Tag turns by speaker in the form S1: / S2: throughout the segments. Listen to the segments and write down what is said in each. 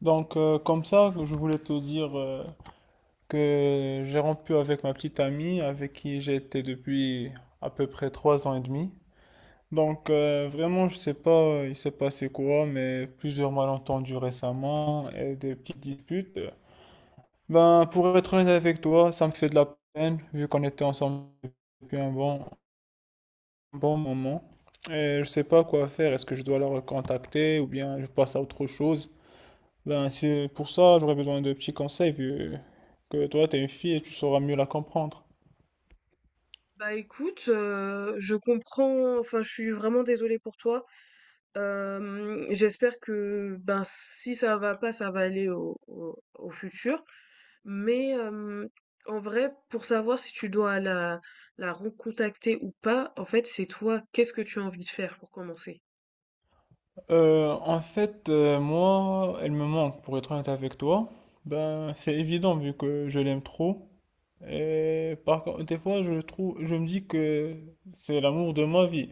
S1: Comme ça, je voulais te dire que j'ai rompu avec ma petite amie, avec qui j'étais depuis à peu près 3 ans et demi. Vraiment, je sais pas, il s'est passé quoi, mais plusieurs malentendus récemment et des petites disputes. Ben, pour être honnête avec toi, ça me fait de la peine, vu qu'on était ensemble depuis un bon moment. Et je sais pas quoi faire. Est-ce que je dois la recontacter ou bien je passe à autre chose? Ben, c'est pour ça, j'aurais besoin de petits conseils vu que toi, t'es une fille et tu sauras mieux la comprendre.
S2: Bah écoute, je comprends enfin, je suis vraiment désolée pour toi. J'espère que, ben, si ça va pas, ça va aller au futur. Mais, en vrai, pour savoir si tu dois la recontacter ou pas, en fait, c'est toi, qu'est-ce que tu as envie de faire pour commencer?
S1: En fait, moi, elle me manque, pour être honnête avec toi. Ben, c'est évident vu que je l'aime trop. Et par contre, des fois, je trouve, je me dis que c'est l'amour de ma vie.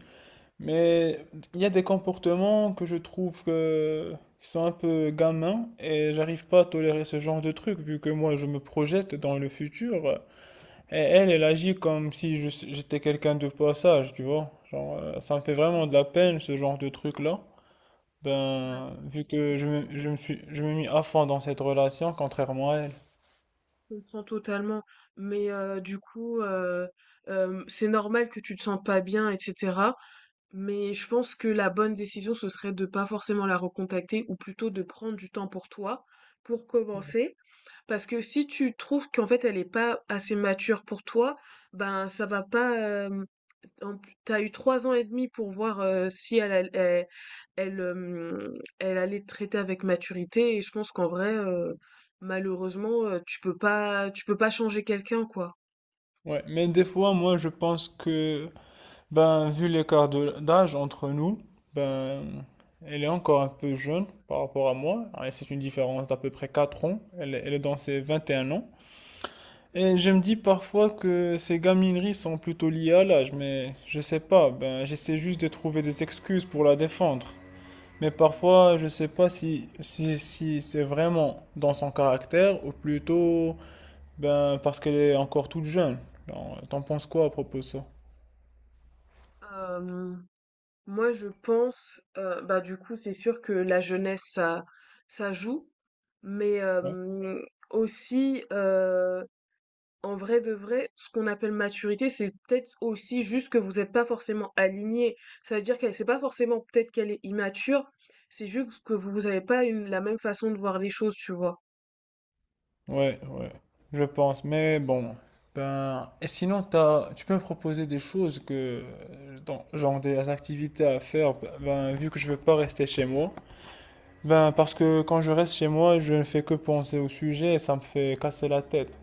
S1: Mais il y a des comportements que je trouve qui sont un peu gamins et j'arrive pas à tolérer ce genre de truc vu que moi, je me projette dans le futur. Et elle, elle agit comme si j'étais quelqu'un de passage, tu vois. Genre, ça me fait
S2: Mmh,
S1: vraiment de la peine, ce genre de truc-là.
S2: ouais,
S1: Ben, vu que je me mis à fond dans cette relation, contrairement à elle.
S2: je comprends totalement. Mais, du coup, c'est normal que tu te sens pas bien etc. Mais je pense que la bonne décision, ce serait de pas forcément la recontacter ou plutôt de prendre du temps pour toi, pour commencer. Parce que si tu trouves qu'en fait elle est pas assez mature pour toi, ben ça va pas. En T'as eu 3 ans et demi pour voir si elle allait te traiter avec maturité. Et je pense qu'en vrai, malheureusement, tu peux pas changer quelqu'un, quoi.
S1: Ouais, mais des fois, moi, je pense que, ben, vu l'écart d'âge entre nous, ben, elle est encore un peu jeune par rapport à moi. Et c'est une différence d'à peu près 4 ans. Elle est dans ses 21 ans. Et je me dis parfois que ces gamineries sont plutôt liées à l'âge, mais je sais pas, ben j'essaie juste de trouver des excuses pour la défendre. Mais parfois, je sais pas si c'est vraiment dans son caractère ou plutôt ben parce qu'elle est encore toute jeune. Genre, t'en penses quoi à propos de ça?
S2: Euh, Moi, je pense, bah, du coup, c'est sûr que la jeunesse, ça joue, mais
S1: Ouais,
S2: aussi, en vrai de vrai, ce qu'on appelle maturité, c'est peut-être aussi juste que vous êtes pas forcément alignés. Ça veut dire qu'elle c'est pas forcément peut-être qu'elle est immature, c'est juste que vous avez pas une la même façon de voir les choses, tu vois?
S1: ouais, ouais, je pense, mais bon. Ben, et sinon, tu peux me proposer des choses genre des activités à faire, ben, vu que je veux pas rester chez moi. Ben, parce que quand je reste chez moi, je ne fais que penser au sujet et ça me fait casser la tête.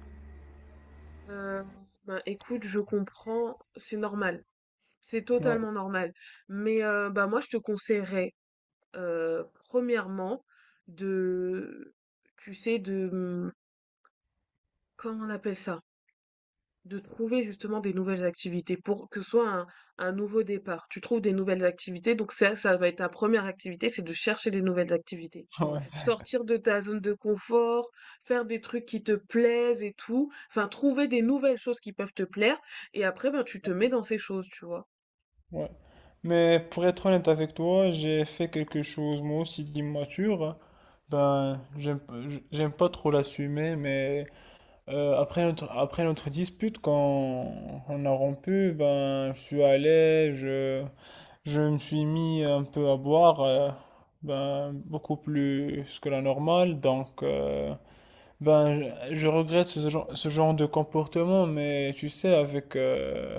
S2: Heu, bah, écoute, je comprends, c'est normal. C'est
S1: Ouais.
S2: totalement normal. Mais bah, moi je te conseillerais, premièrement de tu sais de, mmh, comment on appelle ça? De trouver justement des nouvelles activités pour que ce soit un nouveau départ. Tu trouves des nouvelles activités, donc ça va être ta première activité, c'est de chercher des nouvelles activités.
S1: Ouais,
S2: Sortir de ta zone de confort, faire des trucs qui te plaisent et tout, enfin trouver des nouvelles choses qui peuvent te plaire et après, ben, tu te mets dans ces choses, tu vois?
S1: ouais. Mais pour être honnête avec toi, j'ai fait quelque chose moi aussi d'immature. Ben, j'aime pas trop l'assumer, mais après notre dispute, quand on a rompu, ben, je me suis mis un peu à boire, ben, beaucoup plus que la normale, donc. Ben, je regrette ce genre de comportement, mais tu sais, avec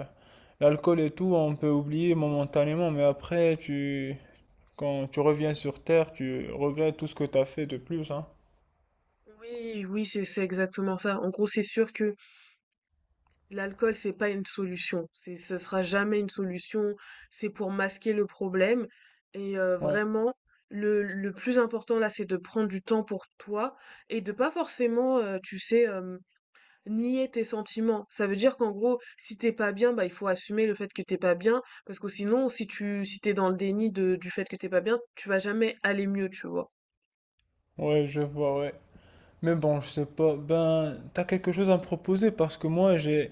S1: l'alcool et tout, on peut oublier momentanément, mais après, quand tu reviens sur Terre, tu regrettes tout ce que tu as fait de plus, hein.
S2: Oui, oui, c'est exactement ça. En gros, c'est sûr que l'alcool, c'est pas une solution. C'est, ce sera jamais une solution. C'est pour masquer le problème. Et
S1: Ouais,
S2: vraiment, le plus important là, c'est de prendre du temps pour toi et de pas forcément, tu sais, nier tes sentiments. Ça veut dire qu'en gros, si t'es pas bien, bah il faut assumer le fait que t'es pas bien, parce que sinon, si t'es dans le déni de, du fait que t'es pas bien, tu vas jamais aller mieux, tu vois.
S1: ouais, je vois, ouais. Mais bon, je sais pas. Ben, t'as quelque chose à me proposer parce que moi, j'ai,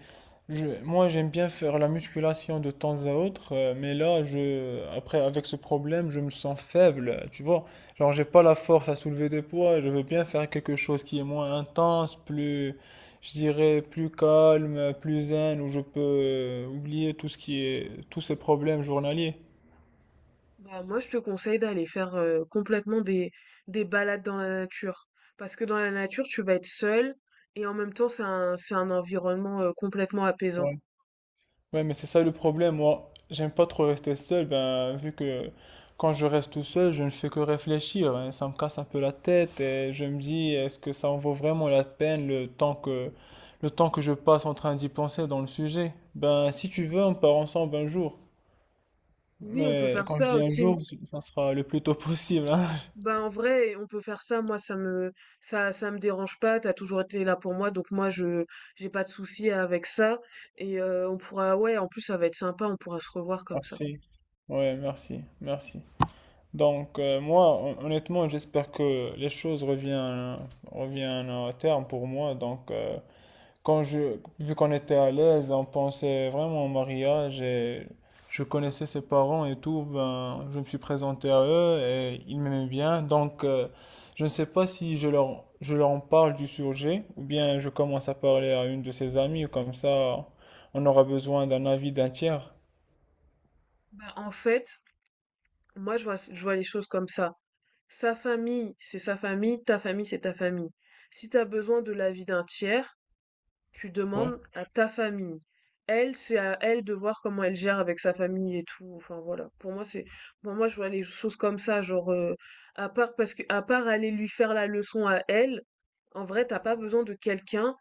S1: je, moi, j'aime bien faire la musculation de temps à autre, mais là, après, avec ce problème, je me sens faible, tu vois. Genre, j'ai pas la force à soulever des poids. Je veux bien faire quelque chose qui est moins intense, plus, je dirais, plus calme, plus zen, où je peux oublier tout ce qui est, tous ces problèmes journaliers.
S2: Bah, moi, je te conseille d'aller faire complètement des balades dans la nature. Parce que dans la nature, tu vas être seul et en même temps, c'est un environnement complètement apaisant.
S1: Ouais, mais c'est ça le problème. Moi, j'aime pas trop rester seul, ben, vu que quand je reste tout seul, je ne fais que réfléchir, hein. Ça me casse un peu la tête et je me dis, est-ce que ça en vaut vraiment la peine le temps que je passe en train d'y penser dans le sujet? Ben, si tu veux, on part ensemble un jour.
S2: Oui, on peut
S1: Mais
S2: faire
S1: quand je
S2: ça
S1: dis un
S2: aussi.
S1: jour, ça sera le plus tôt possible, hein.
S2: Bah, en vrai, on peut faire ça. Ça me dérange pas. T'as toujours été là pour moi. Donc, j'ai pas de souci avec ça. Et on pourra, ouais, en plus, ça va être sympa. On pourra se revoir comme ça.
S1: Merci. Ouais, merci, merci. Moi, honnêtement, j'espère que les choses reviennent à terme pour moi. Vu qu'on était à l'aise, on pensait vraiment au mariage et je connaissais ses parents et tout, ben, je me suis présenté à eux et ils m'aimaient bien. Je ne sais pas si je leur en parle du sujet ou bien je commence à parler à une de ses amies, comme ça, on aura besoin d'un avis d'un tiers.
S2: Bah, en fait, moi, je vois les choses comme ça. Sa famille, c'est sa famille, ta famille, c'est ta famille. Si tu as besoin de l'avis d'un tiers, tu
S1: Ouais,
S2: demandes à ta famille. Elle, c'est à elle de voir comment elle gère avec sa famille et tout. Enfin voilà. Pour moi, c'est pour moi je vois les choses comme ça, genre à part parce que à part aller lui faire la leçon à elle, en vrai, t'as pas besoin de quelqu'un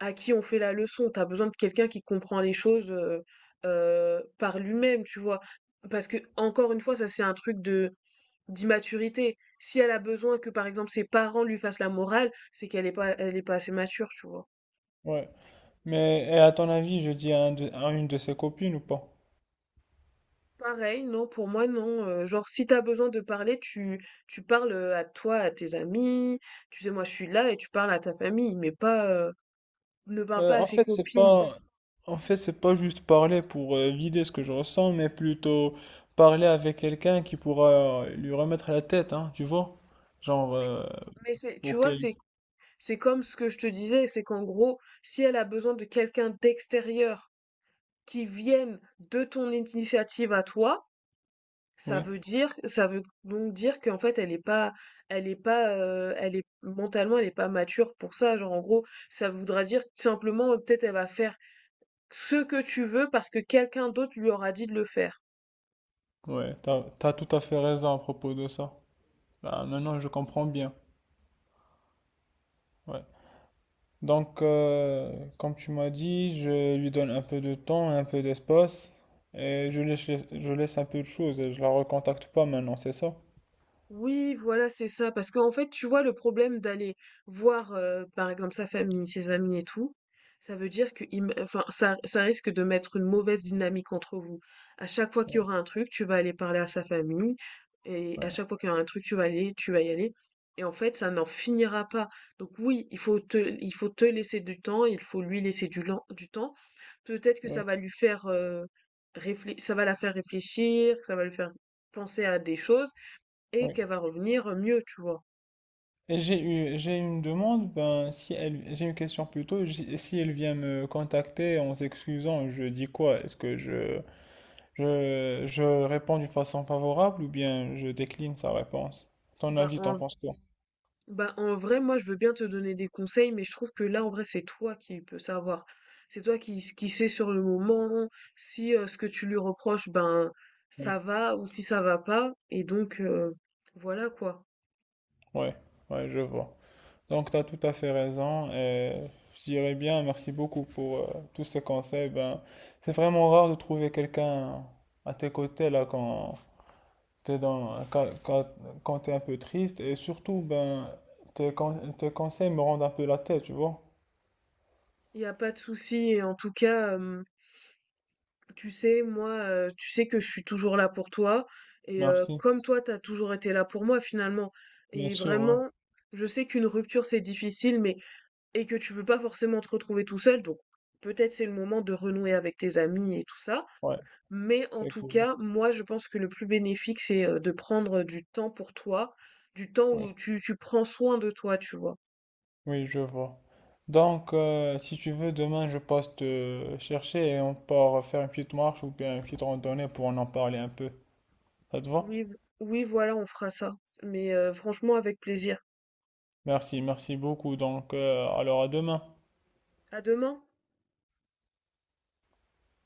S2: à qui on fait la leçon. T'as besoin de quelqu'un qui comprend les choses par lui-même, tu vois. Parce que encore une fois, ça c'est un truc de d'immaturité. Si elle a besoin que, par exemple, ses parents lui fassent la morale, c'est qu'elle est pas, elle est pas assez mature, tu vois.
S1: ouais. Mais et à ton avis, je dis à une de ses copines ou pas?
S2: Pareil, non, pour moi, non. Genre, si t'as besoin de parler, tu parles à toi, à tes amis. Tu sais, moi, je suis là et tu parles à ta famille, mais pas, ne parle pas à
S1: En
S2: ses
S1: fait,
S2: copines.
S1: c'est pas juste parler pour vider ce que je ressens, mais plutôt parler avec quelqu'un qui pourra lui remettre la tête, hein, tu vois? Genre,
S2: Mais, mais c'est, tu
S1: pour
S2: vois,
S1: qu'elle.
S2: c'est comme ce que je te disais, c'est qu'en gros, si elle a besoin de quelqu'un d'extérieur qui vienne de ton initiative à toi,
S1: Oui,
S2: ça veut donc dire qu'en fait elle est pas, elle est mentalement elle est pas mature pour ça. Genre en gros, ça voudra dire simplement, peut-être elle va faire ce que tu veux parce que quelqu'un d'autre lui aura dit de le faire.
S1: ouais, t'as tout à fait raison à propos de ça. Là, maintenant, je comprends bien. Ouais. Donc, euh, Comme tu m'as dit, je lui donne un peu de temps, un peu d'espace, et je laisse un peu de choses et je la recontacte pas maintenant, c'est ça?
S2: Oui, voilà, c'est ça. Parce qu'en fait, tu vois, le problème d'aller voir, par exemple, sa famille, ses amis et tout, ça veut dire que ça risque de mettre une mauvaise dynamique entre vous. À chaque fois qu'il y aura un truc, tu vas aller parler à sa famille et à
S1: Ouais,
S2: chaque fois qu'il y aura un truc, tu vas y aller et en fait, ça n'en finira pas. Donc oui, il faut te laisser du temps, il faut lui laisser du temps. Peut-être que ça
S1: ouais,
S2: va lui faire, réflé ça va la faire réfléchir, ça va lui faire penser à des choses et
S1: oui.
S2: qu'elle va revenir mieux, tu vois?
S1: Et j'ai une demande, ben, si elle, j'ai une question plutôt, si elle vient me contacter en s'excusant, je dis quoi? Est-ce que je réponds d'une façon favorable ou bien je décline sa réponse? Ton
S2: Bah
S1: avis, t'en
S2: en,
S1: penses quoi?
S2: bah en vrai, moi je veux bien te donner des conseils, mais je trouve que là en vrai c'est toi qui peux savoir. Qui sais sur le moment si ce que tu lui reproches, ben
S1: Oui,
S2: ça va ou si ça va pas. Et donc voilà quoi.
S1: ouais, ouais, je vois. Donc, t'as tout à fait raison et je dirais bien merci beaucoup pour tous ces conseils. Ben, c'est vraiment rare de trouver quelqu'un à tes côtés là quand, t'es dans, quand, quand, quand t'es un peu triste et surtout, ben, tes conseils me rendent un peu la tête, tu vois.
S2: Il n'y a pas de souci. Et en tout cas, tu sais, moi, tu sais que je suis toujours là pour toi. Et
S1: Merci.
S2: comme toi, t'as toujours été là pour moi finalement.
S1: Bien
S2: Et
S1: sûr, ouais.
S2: vraiment, je sais qu'une rupture c'est difficile, mais et que tu veux pas forcément te retrouver tout seul, donc peut-être c'est le moment de renouer avec tes amis et tout ça.
S1: Ouais,
S2: Mais en tout
S1: effectivement.
S2: cas, moi, je pense que le plus bénéfique, c'est de prendre du temps pour toi, du temps
S1: Oui,
S2: où tu prends soin de toi, tu vois.
S1: oui, je vois. Si tu veux, demain, je passe te chercher et on part faire une petite marche ou bien une petite randonnée pour en parler un peu. Ça te va?
S2: Oui, oui, voilà, on fera ça. Mais franchement, avec plaisir.
S1: Merci, merci beaucoup. Alors à demain.
S2: À demain.